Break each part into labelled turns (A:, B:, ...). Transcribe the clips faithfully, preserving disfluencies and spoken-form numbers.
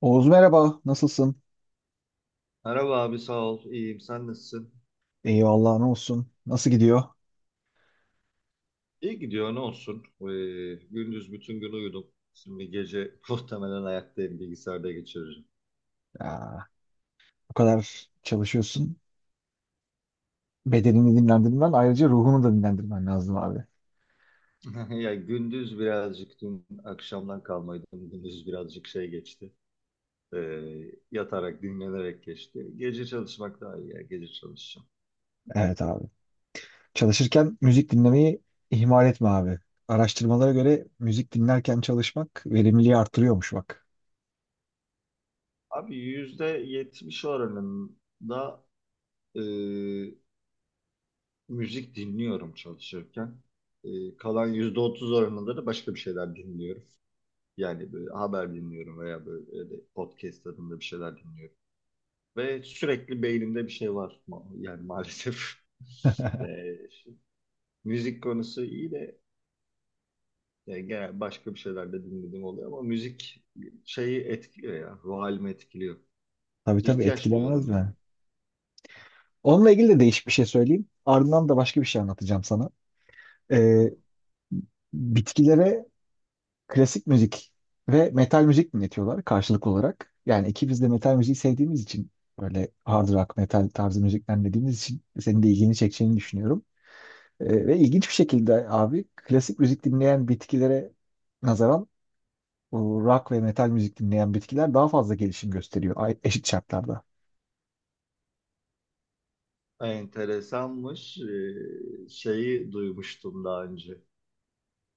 A: Oğuz, merhaba, nasılsın?
B: Merhaba abi sağ ol. İyiyim. Sen nasılsın?
A: Eyvallah, ne olsun? Nasıl gidiyor?
B: İyi gidiyor ne olsun. Ee, gündüz bütün gün uyudum. Şimdi gece muhtemelen ayaktayım bilgisayarda geçiririm.
A: Ya, bu kadar çalışıyorsun. Bedenini dinlendirmen, ayrıca ruhunu da dinlendirmen lazım abi.
B: Ya gündüz birazcık dün akşamdan kalmaydı. Gündüz birazcık şey geçti. Ee, yatarak dinlenerek geçti. Gece çalışmak daha iyi ya. Gece çalışacağım.
A: Evet abi. Çalışırken müzik dinlemeyi ihmal etme abi. Araştırmalara göre müzik dinlerken çalışmak verimliliği artırıyormuş bak.
B: Abi yüzde yetmiş oranında e, müzik dinliyorum çalışırken. E, kalan yüzde otuz oranında da başka bir şeyler dinliyorum. Yani böyle haber dinliyorum veya böyle öyle podcast tadında bir şeyler dinliyorum. Ve sürekli beynimde bir şey var. Ma- Yani maalesef. Ee, Müzik konusu iyi de yani genel başka bir şeyler de dinlediğim oluyor ama müzik şeyi etkiliyor ya. Ruh halimi etkiliyor.
A: Tabii tabii,
B: İhtiyaç
A: Etkilemez
B: duyuyorum yani.
A: mi? Onunla ilgili de değişik bir şey söyleyeyim. Ardından da başka bir şey anlatacağım sana.
B: Hı.
A: Ee, Bitkilere klasik müzik ve metal müzik dinletiyorlar karşılık olarak. Yani ikimiz de metal müziği sevdiğimiz için, böyle hard rock, metal tarzı müzikler dinlediğimiz için senin de ilgini çekeceğini düşünüyorum. Ee, ve ilginç bir şekilde abi, klasik müzik dinleyen bitkilere nazaran bu rock ve metal müzik dinleyen bitkiler daha fazla gelişim gösteriyor ay- eşit şartlarda.
B: Enteresanmış. Ee, şeyi duymuştum daha önce.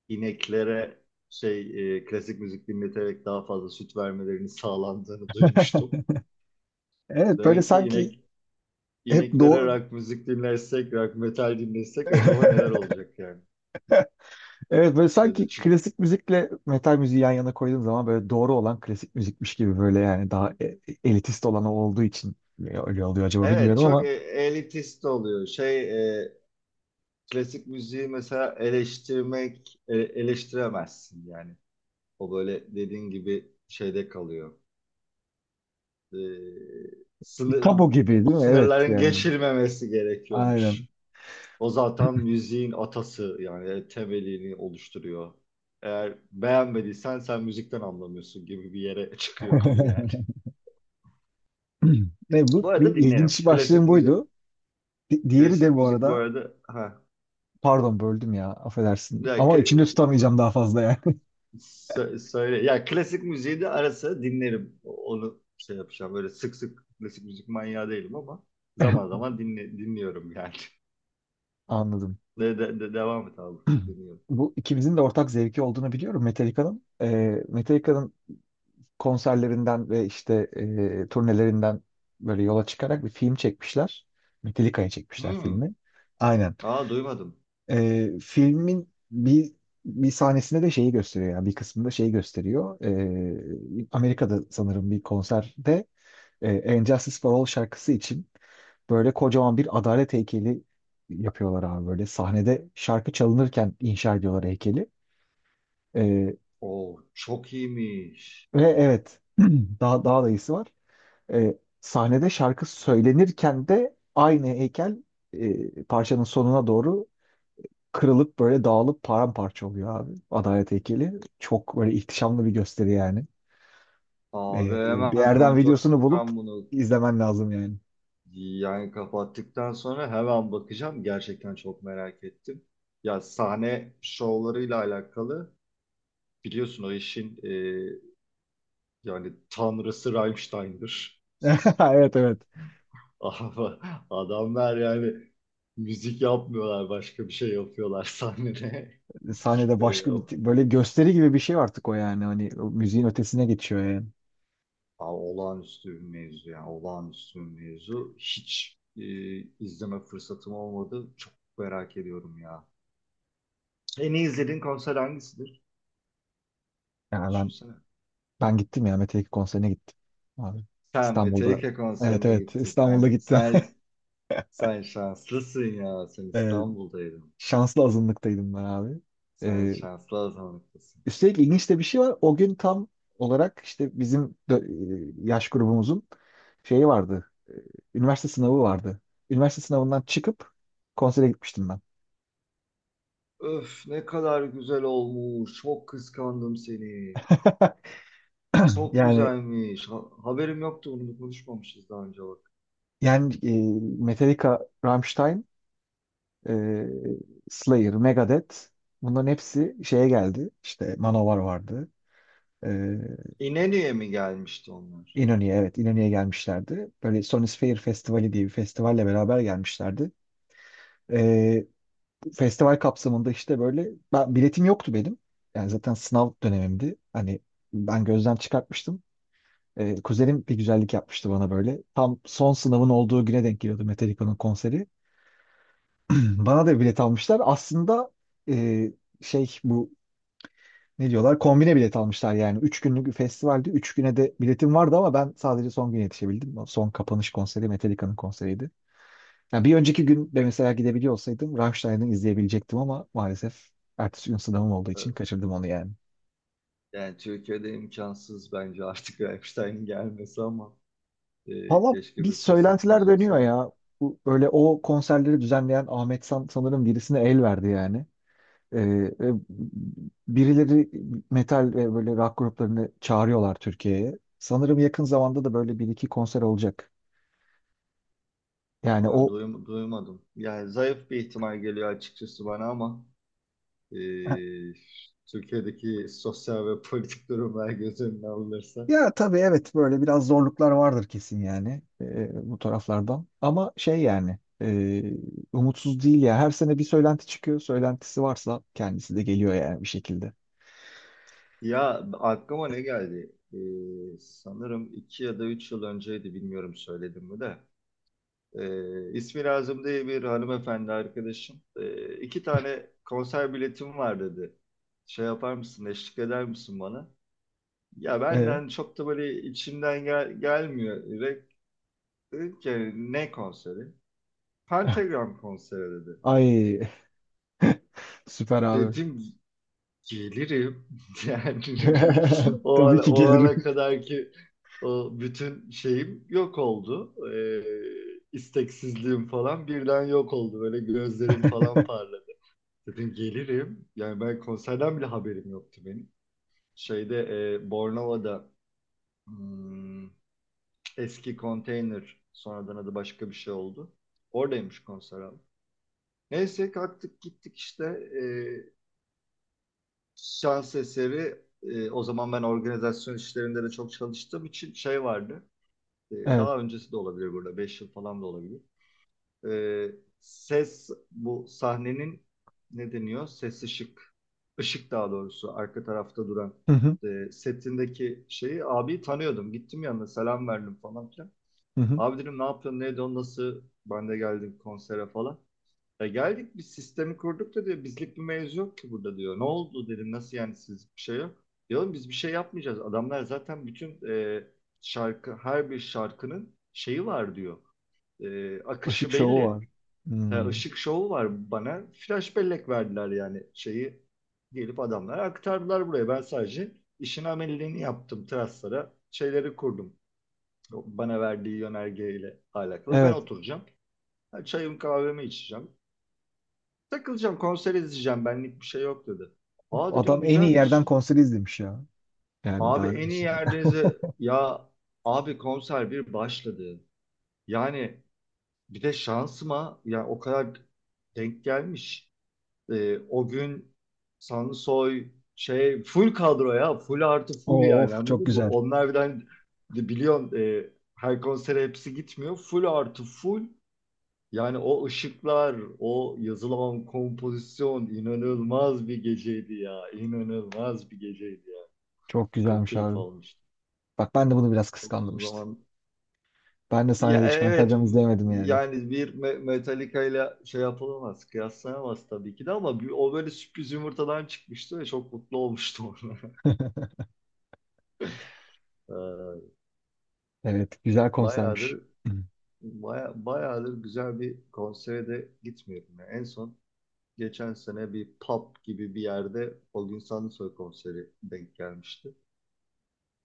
B: İneklere şey e, klasik müzik dinleterek daha fazla süt vermelerinin sağlandığını duymuştum.
A: Evet, böyle
B: Demek ki
A: sanki
B: inek
A: hep
B: İneklere
A: doğu.
B: rock müzik dinlersek, rock metal dinlesek acaba neler olacak yani?
A: Evet, böyle sanki
B: Şeyde çünkü-
A: klasik müzikle metal müziği yan yana koyduğum zaman böyle doğru olan klasik müzikmiş gibi, böyle yani daha e- e- elitist olanı olduğu için öyle oluyor acaba,
B: Evet
A: bilmiyorum
B: çok e-
A: ama
B: elitist oluyor. Şey e, klasik müziği mesela eleştirmek e, eleştiremezsin yani. O böyle dediğin gibi şeyde kalıyor. E, sınır,
A: tam o gibi değil
B: O
A: mi? Evet
B: sınırların
A: yani.
B: geçilmemesi
A: Aynen.
B: gerekiyormuş. O zaten müziğin atası yani e, temelini oluşturuyor. Eğer beğenmediysen sen müzikten anlamıyorsun gibi bir yere çıkıyor konu yani.
A: Ne bu?
B: Bu
A: Bir
B: arada dinlerim.
A: ilginç
B: Klasik
A: başlığım
B: müzik.
A: buydu. Di- diğeri
B: Klasik
A: de bu
B: müzik bu
A: arada,
B: arada. Ha.
A: pardon böldüm ya, affedersin
B: Ya,
A: ama
B: kla-
A: içimde tutamayacağım daha fazla yani.
B: sö- söyle. Ya klasik müziği de ara sıra dinlerim. Onu şey yapacağım. Böyle sık sık klasik müzik manyağı değilim ama zaman zaman dinle, dinliyorum yani.
A: Anladım.
B: De, de, de- devam et abi. Dinliyorum.
A: Bu ikimizin de ortak zevki olduğunu biliyorum, Metallica'nın. Ee, Metallica'nın konserlerinden ve işte e, turnelerinden böyle yola çıkarak bir film çekmişler. Metallica'ya çekmişler
B: Hmm.
A: filmi. Aynen.
B: Aa duymadım.
A: E, filmin bir bir sahnesinde de şeyi gösteriyor, yani bir kısmında şeyi gösteriyor. E, Amerika'da sanırım bir konserde e, And Justice for All şarkısı için böyle kocaman bir adalet heykeli yapıyorlar abi, böyle sahnede şarkı çalınırken inşa ediyorlar heykeli. E,
B: Oo çok iyiymiş.
A: Ve evet, daha daha da iyisi var. E, sahnede şarkı söylenirken de aynı heykel e, parçanın sonuna doğru kırılıp böyle dağılıp paramparça oluyor abi. Adalet heykeli. Çok böyle ihtişamlı bir gösteri yani.
B: Abi
A: E, bir
B: hemen
A: yerden
B: kontrol
A: videosunu bulup
B: edeceğim bunu.
A: izlemen lazım yani.
B: Yani kapattıktan sonra hemen bakacağım. Gerçekten çok merak ettim. Ya sahne şovlarıyla alakalı biliyorsun o işin e, yani tanrısı Rammstein'dir.
A: Evet, evet.
B: Ama adamlar yani müzik yapmıyorlar başka bir şey yapıyorlar sahnede.
A: Sahnede
B: E,
A: başka bir böyle gösteri gibi bir şey artık o yani. Hani o müziğin ötesine geçiyor yani.
B: a- Olağanüstü bir mevzu yani olağanüstü bir mevzu. Hiç e, izleme fırsatım olmadı. Çok merak ediyorum ya. En iyi izlediğin konser hangisidir?
A: Yani ben
B: Düşünsene.
A: ben gittim ya, Mete Ekin konserine gittim. Abi.
B: Sen
A: İstanbul'da.
B: Metallica
A: Evet,
B: konserine
A: evet,
B: gittin.
A: İstanbul'da
B: Sen,
A: gittim.
B: sen, sen şanslısın ya. Sen İstanbul'daydın.
A: Şanslı azınlıktaydım ben abi.
B: Sen
A: Ee,
B: şanslı azınlıklısın.
A: Üstelik ilginç de bir şey var. O gün tam olarak işte bizim dö- e, yaş grubumuzun şeyi vardı. Üniversite sınavı vardı. Üniversite sınavından çıkıp konsere gitmiştim ben.
B: Öf ne kadar güzel olmuş. Çok kıskandım seni. Çok
A: Yani
B: güzelmiş. Ha- haberim yoktu, bunu konuşmamışız daha önce bak.
A: yani e, Metallica, Rammstein, e, Slayer, Megadeth, bunların hepsi şeye geldi. İşte Manowar vardı. E,
B: İnönü'ye mi gelmişti onlar?
A: İnönü'ye, evet, İnönü'ye gelmişlerdi. Böyle Sony Sphere Festivali diye bir festivalle beraber gelmişlerdi. E, Festival kapsamında işte böyle, ben, biletim yoktu benim. Yani zaten sınav dönemimdi. Hani ben gözden çıkartmıştım. Ee, kuzenim bir güzellik yapmıştı bana böyle. Tam son sınavın olduğu güne denk geliyordu Metallica'nın konseri. Bana da bilet almışlar. Aslında e, şey, bu ne diyorlar? Kombine bilet almışlar yani. Üç günlük bir festivaldi. Üç güne de biletim vardı ama ben sadece son güne yetişebildim. O son kapanış konseri Metallica'nın konseriydi. Ya bir önceki gün de mesela gidebiliyor olsaydım Rammstein'ı izleyebilecektim ama maalesef ertesi gün sınavım olduğu için
B: Öf.
A: kaçırdım onu yani.
B: Yani Türkiye'de imkansız bence artık Rammstein'in gelmesi ama e,
A: Valla
B: keşke
A: bir
B: bir fırsatımız
A: söylentiler
B: olsa
A: dönüyor
B: da.
A: ya. Bu, böyle o konserleri düzenleyen Ahmet San sanırım birisine el verdi yani. Ee, e, birileri metal ve böyle rock gruplarını çağırıyorlar Türkiye'ye. Sanırım yakın zamanda da böyle bir iki konser olacak. Yani
B: Ha,
A: o
B: duyum- duymadım. Yani zayıf bir ihtimal geliyor açıkçası bana ama. e, Türkiye'deki sosyal ve politik durumlar göz önüne alınırsa.
A: Ya tabii, evet, böyle biraz zorluklar vardır kesin yani e, bu taraflardan. Ama şey yani, e, umutsuz değil ya. Her sene bir söylenti çıkıyor. Söylentisi varsa kendisi de geliyor yani bir şekilde.
B: Ya aklıma ne geldi? E, sanırım iki ya da üç yıl önceydi, bilmiyorum söyledim mi de. E, ismi lazım diye bir hanımefendi arkadaşım. E, iki tane konser biletim var dedi. Şey yapar mısın, eşlik eder misin bana? Ya
A: E?
B: benden çok da böyle içimden gel gelmiyor. Direkt dedim ki, "Hani ne konseri?" Pentagram konseri dedi.
A: Ay, süper abi.
B: Dedim gelirim. Yani o
A: Tabii
B: ana,
A: ki
B: o
A: gelirim.
B: ana kadar ki o bütün şeyim yok oldu. Ee, isteksizliğim falan birden yok oldu. Böyle gözlerim falan parladı. Dedim gelirim. Yani ben konserden bile haberim yoktu benim. Şeyde e, Bornova'da, hmm, eski konteyner, sonradan adı başka bir şey oldu. Oradaymış konser abi. Neyse kalktık gittik işte. Ee, Şans eseri e, o zaman ben organizasyon işlerinde de çok çalıştığım için şey vardı. E,
A: Evet.
B: daha öncesi de olabilir burada. Beş yıl falan da olabilir. E, Ses bu sahnenin, ne deniyor? Ses ışık. Işık daha doğrusu arka tarafta duran
A: Hı hı,
B: e, setindeki şeyi abi tanıyordum. Gittim yanına, selam verdim falan filan.
A: hı hı.
B: Abi dedim ne yapıyorsun? Neydi o? Nasıl? Ben de geldim konsere falan. Ya geldik biz sistemi kurduk da, diyor, bizlik bir mevzu yok ki burada, diyor. Ne oldu dedim, nasıl yani, siz bir şey yok. Diyorum biz bir şey yapmayacağız. Adamlar zaten bütün e, şarkı her bir şarkının şeyi var, diyor. E,
A: Işık
B: akışı
A: şovu
B: belli.
A: var.
B: Ha,
A: Hmm.
B: ışık şovu var bana. Flash bellek verdiler, yani şeyi gelip adamlar aktardılar buraya. Ben sadece işin ameliyatını yaptım teraslara. Şeyleri kurdum. O, bana verdiği yönergeyle alakalı. Ben
A: Evet.
B: oturacağım. Ha, çayımı kahvemi içeceğim. Takılacağım, konser izleyeceğim, benlik bir şey yok dedi. Aa dedim
A: Adam en iyi yerden
B: güzelmiş.
A: konser izlemiş ya. Yani
B: Abi
A: daha ne
B: en iyi
A: düşünelim.
B: yerlerinize ya, abi konser bir başladı. Yani bir de şansıma ya o kadar denk gelmiş. Ee, o gün Sansoy şey full kadro ya, full artı full, yani
A: Of, çok
B: anladın mı?
A: güzel.
B: Onlar birden, biliyorsun e, her konsere hepsi gitmiyor. Full artı full. Yani o ışıklar, o yazılan kompozisyon, inanılmaz bir geceydi ya. İnanılmaz bir geceydi ya.
A: Çok
B: Çok
A: güzelmiş
B: keyif
A: abi.
B: almıştım.
A: Bak, ben de bunu biraz
B: Çok
A: kıskandım
B: uzun
A: işte.
B: zaman.
A: Ben de
B: Ya
A: sahnede
B: e-
A: hiç
B: evet,
A: pentagram izleyemedim yani.
B: yani bir Me- Metallica ile şey yapılamaz, kıyaslanamaz tabii ki de, ama bir- o böyle sürpriz yumurtadan çıkmıştı ve çok mutlu olmuştum ona. Ee,
A: Evet, güzel konsermiş.
B: bayağıdır baya, bayağıdır güzel bir konsere de gitmiyorum ya. En son geçen sene bir pub gibi bir yerde Olgun Sandısoy konseri denk gelmişti.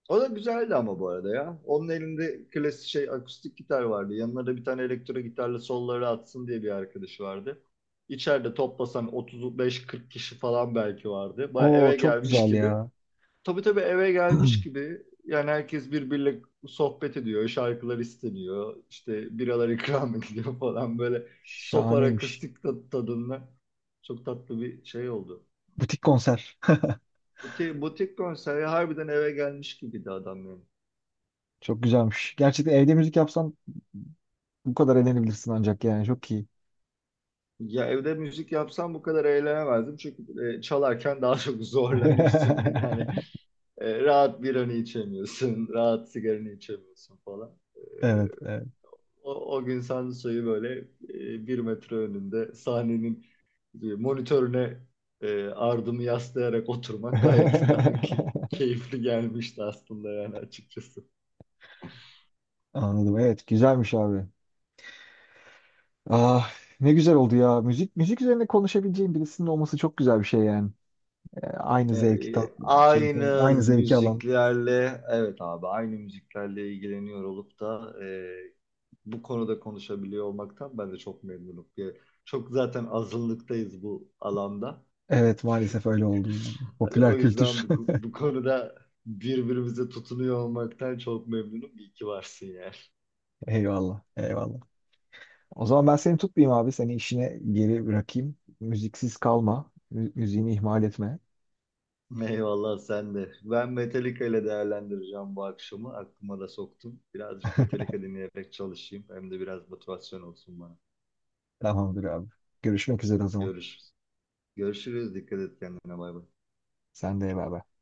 B: O da güzeldi ama bu arada ya. Onun elinde klasik şey akustik gitar vardı. Yanına da bir tane elektro gitarla solları atsın diye bir arkadaşı vardı. İçeride toplasan otuz beş kırka kişi falan belki vardı. Baya
A: Oo,
B: eve
A: çok
B: gelmiş
A: güzel
B: gibi.
A: ya.
B: Tabii tabii eve gelmiş gibi, yani herkes birbiriyle sohbet ediyor, şarkılar isteniyor, işte biralar ikram ediliyor falan, böyle sofar
A: Şahaneymiş.
B: akustik tadı tadında çok tatlı bir şey oldu.
A: Butik konser.
B: Butik, butik konseri harbiden eve gelmiş gibiydi adam yani.
A: Çok güzelmiş. Gerçekten evde müzik yapsan bu kadar eğlenebilirsin ancak yani, çok iyi.
B: Ya evde müzik yapsam bu kadar eğlenemezdim, çünkü e, çalarken daha çok zorlanıyorsun yani e, rahat biranı içemiyorsun, rahat sigaranı içemiyorsun falan. E,
A: Evet, evet.
B: O, o gün Sanso'yu böyle e, bir metre önünde sahnenin e, monitörüne e, ardımı yaslayarak oturmak gayet daha ki, keyifli gelmişti aslında yani açıkçası.
A: Anladım. Evet, güzelmiş abi. Ah, ne güzel oldu ya. Müzik müzik üzerine konuşabileceğim birisinin olması çok güzel bir şey yani. E, aynı
B: E,
A: zevki tat,
B: e,
A: şey,
B: aynı
A: aynı zevki alan.
B: müziklerle, evet abi, aynı müziklerle ilgileniyor olup da e, bu konuda konuşabiliyor olmaktan ben de çok memnunum. E, Çok zaten azınlıktayız bu alanda.
A: Evet, maalesef öyle oldu yani.
B: Hani o
A: Popüler kültür.
B: yüzden bu, bu konuda birbirimize tutunuyor olmaktan çok memnunum. İyi ki varsın yani.
A: Eyvallah, eyvallah. O zaman ben seni tutmayayım abi. Seni işine geri bırakayım. Müziksiz kalma. Mü- müziğini ihmal etme.
B: Eyvallah sen de. Ben Metallica ile değerlendireceğim bu akşamı. Aklıma da soktum. Birazcık Metallica dinleyerek çalışayım. Hem de biraz motivasyon olsun bana.
A: Tamamdır abi. Görüşmek üzere o zaman.
B: Görüşürüz. Görüşürüz. Dikkat et kendine. Bay bay.
A: Sen de bay bay.